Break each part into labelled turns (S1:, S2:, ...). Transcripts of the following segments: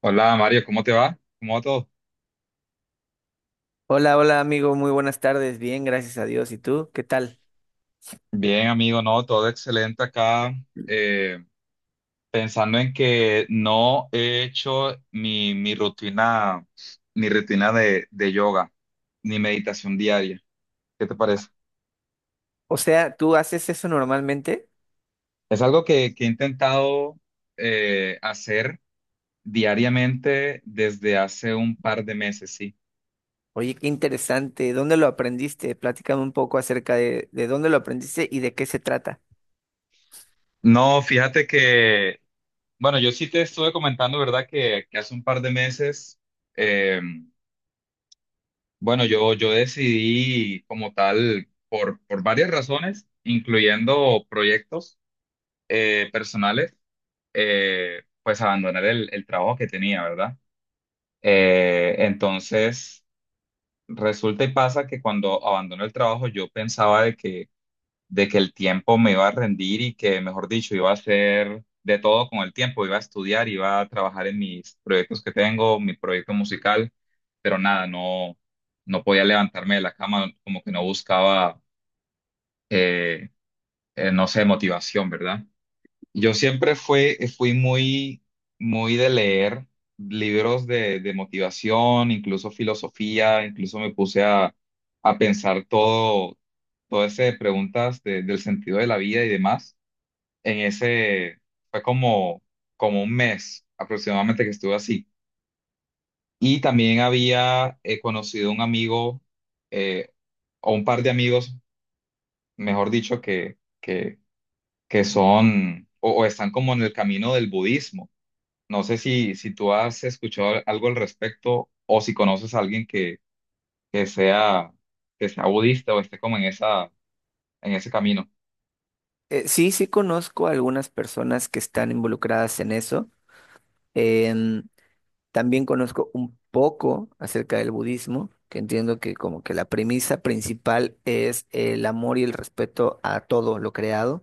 S1: Hola Mario, ¿cómo te va? ¿Cómo va todo?
S2: Hola, hola amigo, muy buenas tardes, bien, gracias a Dios. ¿Y tú? ¿Qué tal?
S1: Bien, amigo, no, todo excelente acá. eh, Pensando en que no he hecho mi rutina, mi rutina de yoga, ni meditación diaria. ¿Qué te parece?
S2: O sea, ¿tú haces eso normalmente?
S1: Es algo que he intentado hacer diariamente desde hace un par de meses, sí.
S2: Oye, qué interesante. ¿Dónde lo aprendiste? Platícame un poco acerca de dónde lo aprendiste y de qué se trata.
S1: No, fíjate que, bueno, yo sí te estuve comentando, ¿verdad? Que hace un par de meses. em, Bueno, yo decidí como tal por varias razones, incluyendo proyectos personales, pues abandonar el trabajo que tenía, ¿verdad? Entonces, resulta y pasa que cuando abandono el trabajo yo pensaba de que el tiempo me iba a rendir y que, mejor dicho, iba a hacer de todo con el tiempo, iba a estudiar, iba a trabajar en mis proyectos que tengo, mi proyecto musical, pero nada, no podía levantarme de la cama, como que no buscaba, eh, no sé, motivación, ¿verdad? Yo siempre fui muy, muy de leer libros de motivación, incluso filosofía, incluso me puse a pensar todo ese de preguntas del sentido de la vida y demás. En ese, Fue como un mes aproximadamente que estuve así. Y también había conocido un amigo, eh, o un par de amigos, mejor dicho, que son o están como en el camino del budismo. No sé si tú has escuchado algo al respecto o si conoces a alguien que sea, que sea budista o esté como en ese camino.
S2: Sí, conozco a algunas personas que están involucradas en eso. Em, También conozco un poco acerca del budismo, que entiendo que como que la premisa principal es el amor y el respeto a todo lo creado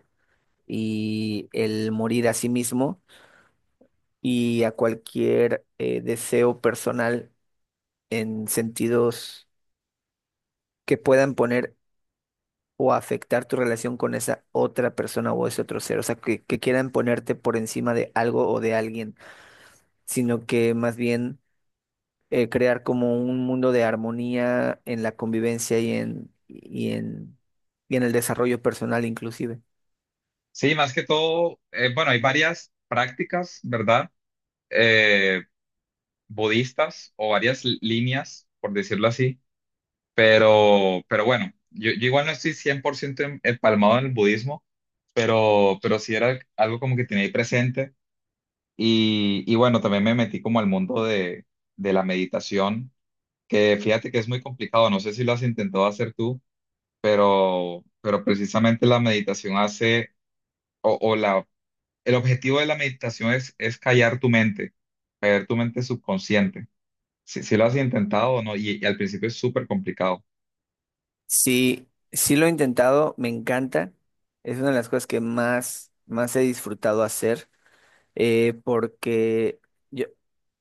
S2: y el morir a sí mismo y a cualquier deseo personal en sentidos que puedan poner o afectar tu relación con esa otra persona o ese otro ser. O sea, que quieran ponerte por encima de algo o de alguien, sino que más bien crear como un mundo de armonía en la convivencia y en el desarrollo personal inclusive.
S1: Sí, más que todo, bueno, hay varias prácticas, ¿verdad? Eh, Budistas o varias líneas, por decirlo así, pero bueno, yo igual no estoy 100% empalmado en el budismo, pero sí era algo como que tenía ahí presente y bueno, también me metí como al mundo de la meditación que fíjate que es muy complicado, no sé si lo has intentado hacer tú, pero precisamente la meditación hace, o la, el objetivo de la meditación es callar tu mente subconsciente. Si lo has intentado o no, y al principio es súper complicado.
S2: Sí, sí lo he intentado, me encanta. Es una de las cosas que más, más he disfrutado hacer porque yo,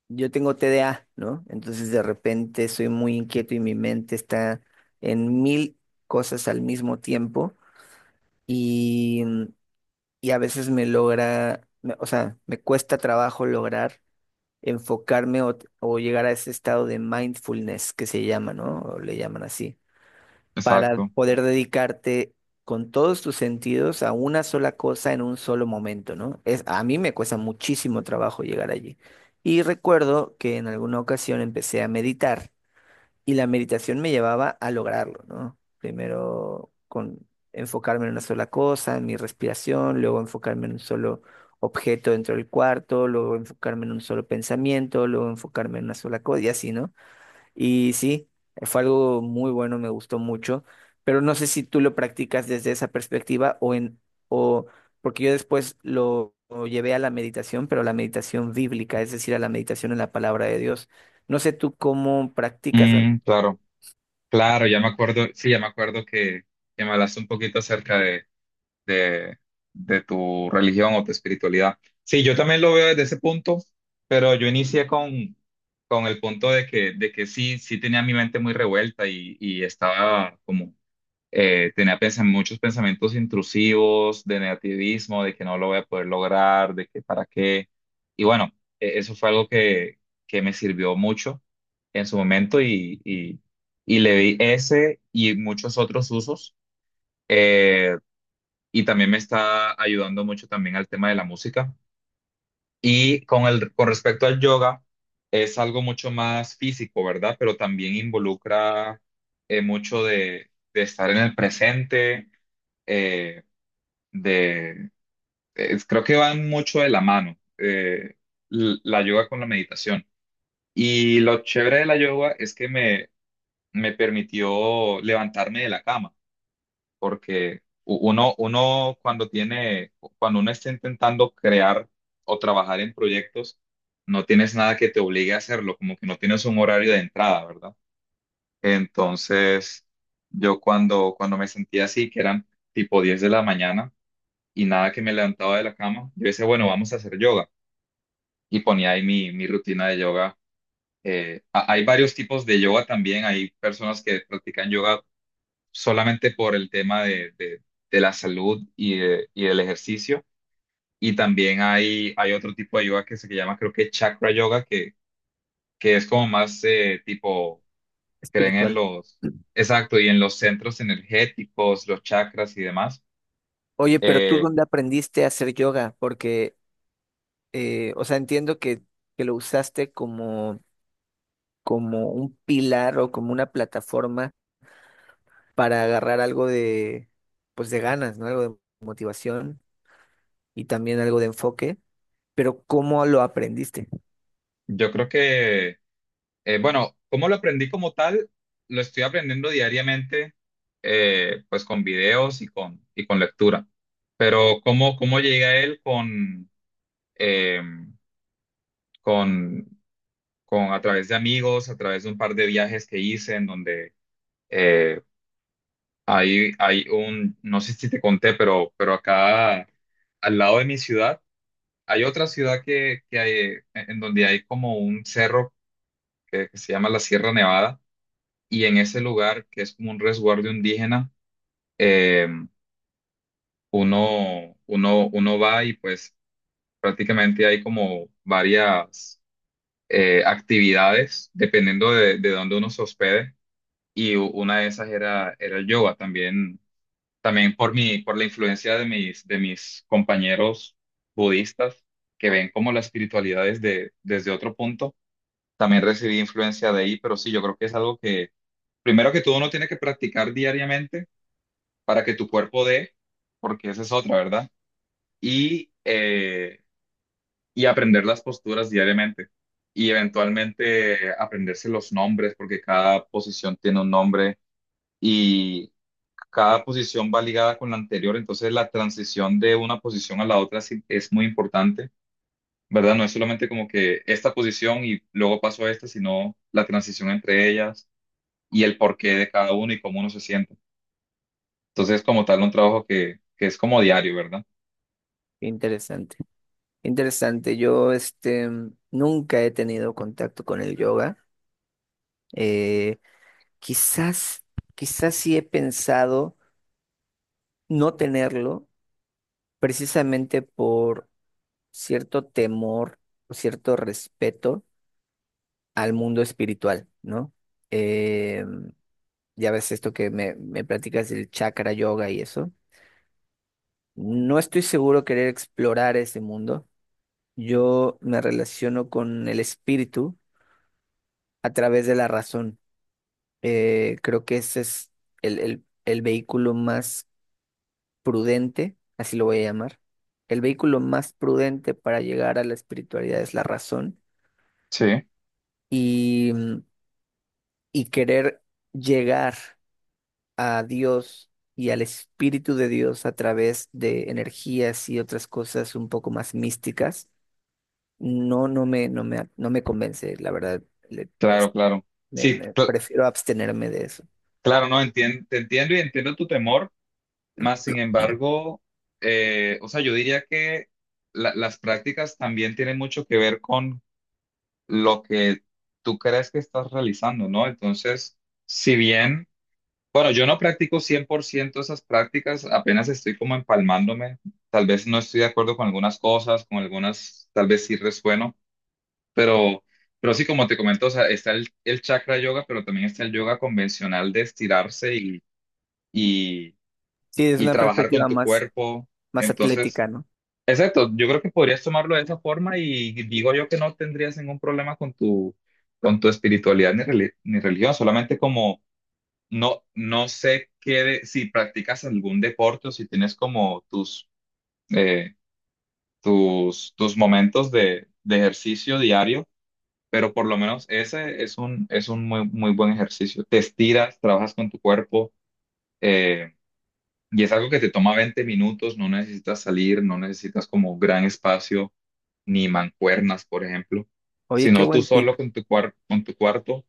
S2: yo tengo TDA, ¿no? Entonces de repente soy muy inquieto y mi mente está en mil cosas al mismo tiempo y, y a veces me cuesta trabajo lograr enfocarme o llegar a ese estado de mindfulness que se llama, ¿no? O le llaman así para
S1: Exacto.
S2: poder dedicarte con todos tus sentidos a una sola cosa en un solo momento, ¿no? Es, a mí me cuesta muchísimo trabajo llegar allí. Y recuerdo que en alguna ocasión empecé a meditar y la meditación me llevaba a lograrlo, ¿no? Primero con enfocarme en una sola cosa, en mi respiración, luego enfocarme en un solo objeto dentro del cuarto, luego enfocarme en un solo pensamiento, luego enfocarme en una sola cosa y así, ¿no? Y sí, fue algo muy bueno, me gustó mucho, pero no sé si tú lo practicas desde esa perspectiva o porque yo después lo llevé a la meditación, pero a la meditación bíblica, es decir, a la meditación en la palabra de Dios. No sé tú cómo practicas la
S1: Mm, claro. Claro, ya me acuerdo, sí, ya me acuerdo que me hablaste un poquito acerca de, de tu religión o tu espiritualidad. Sí, yo también lo veo desde ese punto, pero yo inicié con el punto de que sí, sí tenía mi mente muy revuelta y estaba como tenía muchos pensamientos intrusivos de negativismo, de que no lo voy a poder lograr, de que para qué. Y bueno, eso fue algo que me sirvió mucho en su momento y le di ese y muchos otros usos. Eh, y también me está ayudando mucho también al tema de la música. Y con respecto al yoga, es algo mucho más físico, ¿verdad? Pero también involucra mucho de estar en el presente eh, de, creo que van mucho de la mano, la yoga con la meditación. Y lo chévere de la yoga es que me permitió levantarme de la cama, porque uno cuando uno está intentando crear o trabajar en proyectos, no tienes nada que te obligue a hacerlo, como que no tienes un horario de entrada, ¿verdad? Entonces, yo cuando me sentía así, que eran tipo 10 de la mañana, y nada que me levantaba de la cama, yo decía, bueno, vamos a hacer yoga. Y ponía ahí mi rutina de yoga. Hay varios tipos de yoga también. Hay personas que practican yoga solamente por el tema de la salud y, y del ejercicio. Y también hay otro tipo de yoga que se llama, creo que chakra yoga, que es como más tipo, creen en
S2: espiritual.
S1: los, exacto, y en los centros energéticos, los chakras y demás.
S2: Oye, pero tú
S1: Eh,
S2: dónde aprendiste a hacer yoga, entiendo que lo usaste como, como un pilar o como una plataforma para agarrar algo de, pues de ganas, ¿no? Algo de motivación y también algo de enfoque, pero ¿cómo lo aprendiste?
S1: yo creo que... bueno, ¿cómo lo aprendí como tal? Lo estoy aprendiendo diariamente, pues con videos y y con lectura. Pero ¿cómo llega él eh, con, con a través de amigos, a través de un par de viajes que hice en donde eh, hay no sé si te conté, pero acá al lado de mi ciudad hay otra ciudad en donde hay como un cerro que se llama la Sierra Nevada y en ese lugar, que es como un resguardo indígena, eh, uno va y pues prácticamente hay como varias actividades dependiendo de dónde uno se hospede y una de esas era el yoga también, también por la influencia de mis compañeros budistas que ven como la espiritualidad desde otro punto, también recibí influencia de ahí, pero sí, yo creo que es algo que primero que todo uno tiene que practicar diariamente para que tu cuerpo dé, porque esa es otra, ¿verdad? Y, eh, y aprender las posturas diariamente y eventualmente aprenderse los nombres, porque cada posición tiene un nombre y cada posición va ligada con la anterior, entonces la transición de una posición a la otra sí es muy importante, ¿verdad? No es solamente como que esta posición y luego paso a esta, sino la transición entre ellas y el porqué de cada uno y cómo uno se siente. Entonces, como tal, un trabajo que es como diario, ¿verdad?
S2: Interesante, interesante. Nunca he tenido contacto con el yoga. Eh, quizás, Quizás sí he pensado no tenerlo precisamente por cierto temor o cierto respeto al mundo espiritual, ¿no? Em, ya ves esto que me platicas del chakra yoga y eso. No estoy seguro querer explorar ese mundo. Yo me relaciono con el espíritu a través de la razón. Creo que ese es el vehículo más prudente, así lo voy a llamar. El vehículo más prudente para llegar a la espiritualidad es la razón
S1: Sí.
S2: y, y querer llegar a Dios y al Espíritu de Dios a través de energías y otras cosas un poco más místicas, no me convence, la verdad. le-
S1: Claro,
S2: es-
S1: claro. Sí,
S2: Prefiero abstenerme de eso.
S1: claro, no, te entiendo y entiendo tu temor, más sin embargo, o sea, yo diría que las prácticas también tienen mucho que ver con lo que tú crees que estás realizando, ¿no? Entonces, si bien, bueno, yo no practico 100% esas prácticas, apenas estoy como empalmándome, tal vez no estoy de acuerdo con algunas cosas, con algunas, tal vez sí resueno. Pero, pero sí, como te comento, o sea, está el chakra yoga, pero también está el yoga convencional de estirarse y,
S2: Sí, es
S1: y
S2: una
S1: trabajar con
S2: perspectiva
S1: tu
S2: más,
S1: cuerpo.
S2: más
S1: Entonces,
S2: atlética, ¿no?
S1: exacto, yo creo que podrías tomarlo de esa forma y digo yo que no tendrías ningún problema con tu espiritualidad ni religión, solamente como no sé qué, si practicas algún deporte o si tienes como tus, eh, tus momentos de ejercicio diario pero por lo menos ese es un muy, muy buen ejercicio. Te estiras, trabajas con tu cuerpo eh, y es algo que te toma 20 minutos, no necesitas salir, no necesitas como gran espacio ni mancuernas, por ejemplo,
S2: Oye, qué
S1: sino tú
S2: buen tip,
S1: solo con tu cuarto,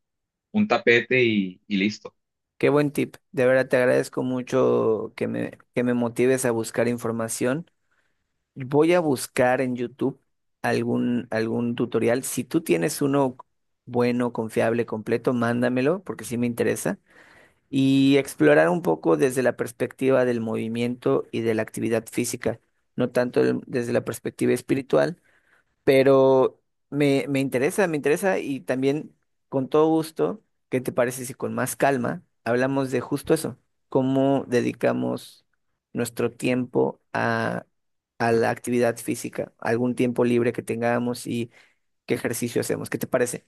S1: un tapete y listo.
S2: qué buen tip. De verdad te agradezco mucho que que me motives a buscar información. Voy a buscar en YouTube algún tutorial. Si tú tienes uno bueno, confiable, completo, mándamelo porque sí me interesa. Y explorar un poco desde la perspectiva del movimiento y de la actividad física, no tanto desde la perspectiva espiritual. Pero me interesa y también con todo gusto, ¿qué te parece si con más calma hablamos de justo eso? ¿Cómo dedicamos nuestro tiempo a la actividad física? ¿Algún tiempo libre que tengamos y qué ejercicio hacemos? ¿Qué te parece?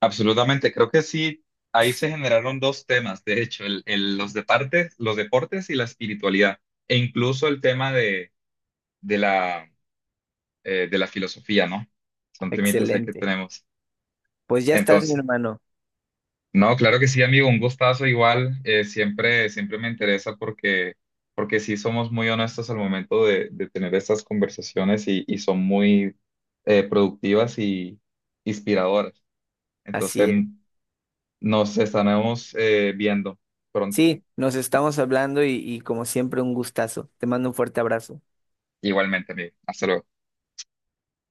S1: Absolutamente, creo que sí, ahí se generaron dos temas, de hecho, los deportes y la espiritualidad, e incluso el tema de la de la filosofía, ¿no? Son temitas ahí que
S2: Excelente.
S1: tenemos.
S2: Pues ya estás, mi
S1: Entonces,
S2: hermano.
S1: no, claro que sí, amigo, un gustazo igual. Siempre me interesa porque sí somos muy honestos al momento de tener estas conversaciones y son muy productivas y inspiradoras. Entonces,
S2: Así es.
S1: nos estaremos viendo pronto.
S2: Sí, nos estamos hablando y como siempre un gustazo. Te mando un fuerte abrazo.
S1: Igualmente, amigo. Hasta luego.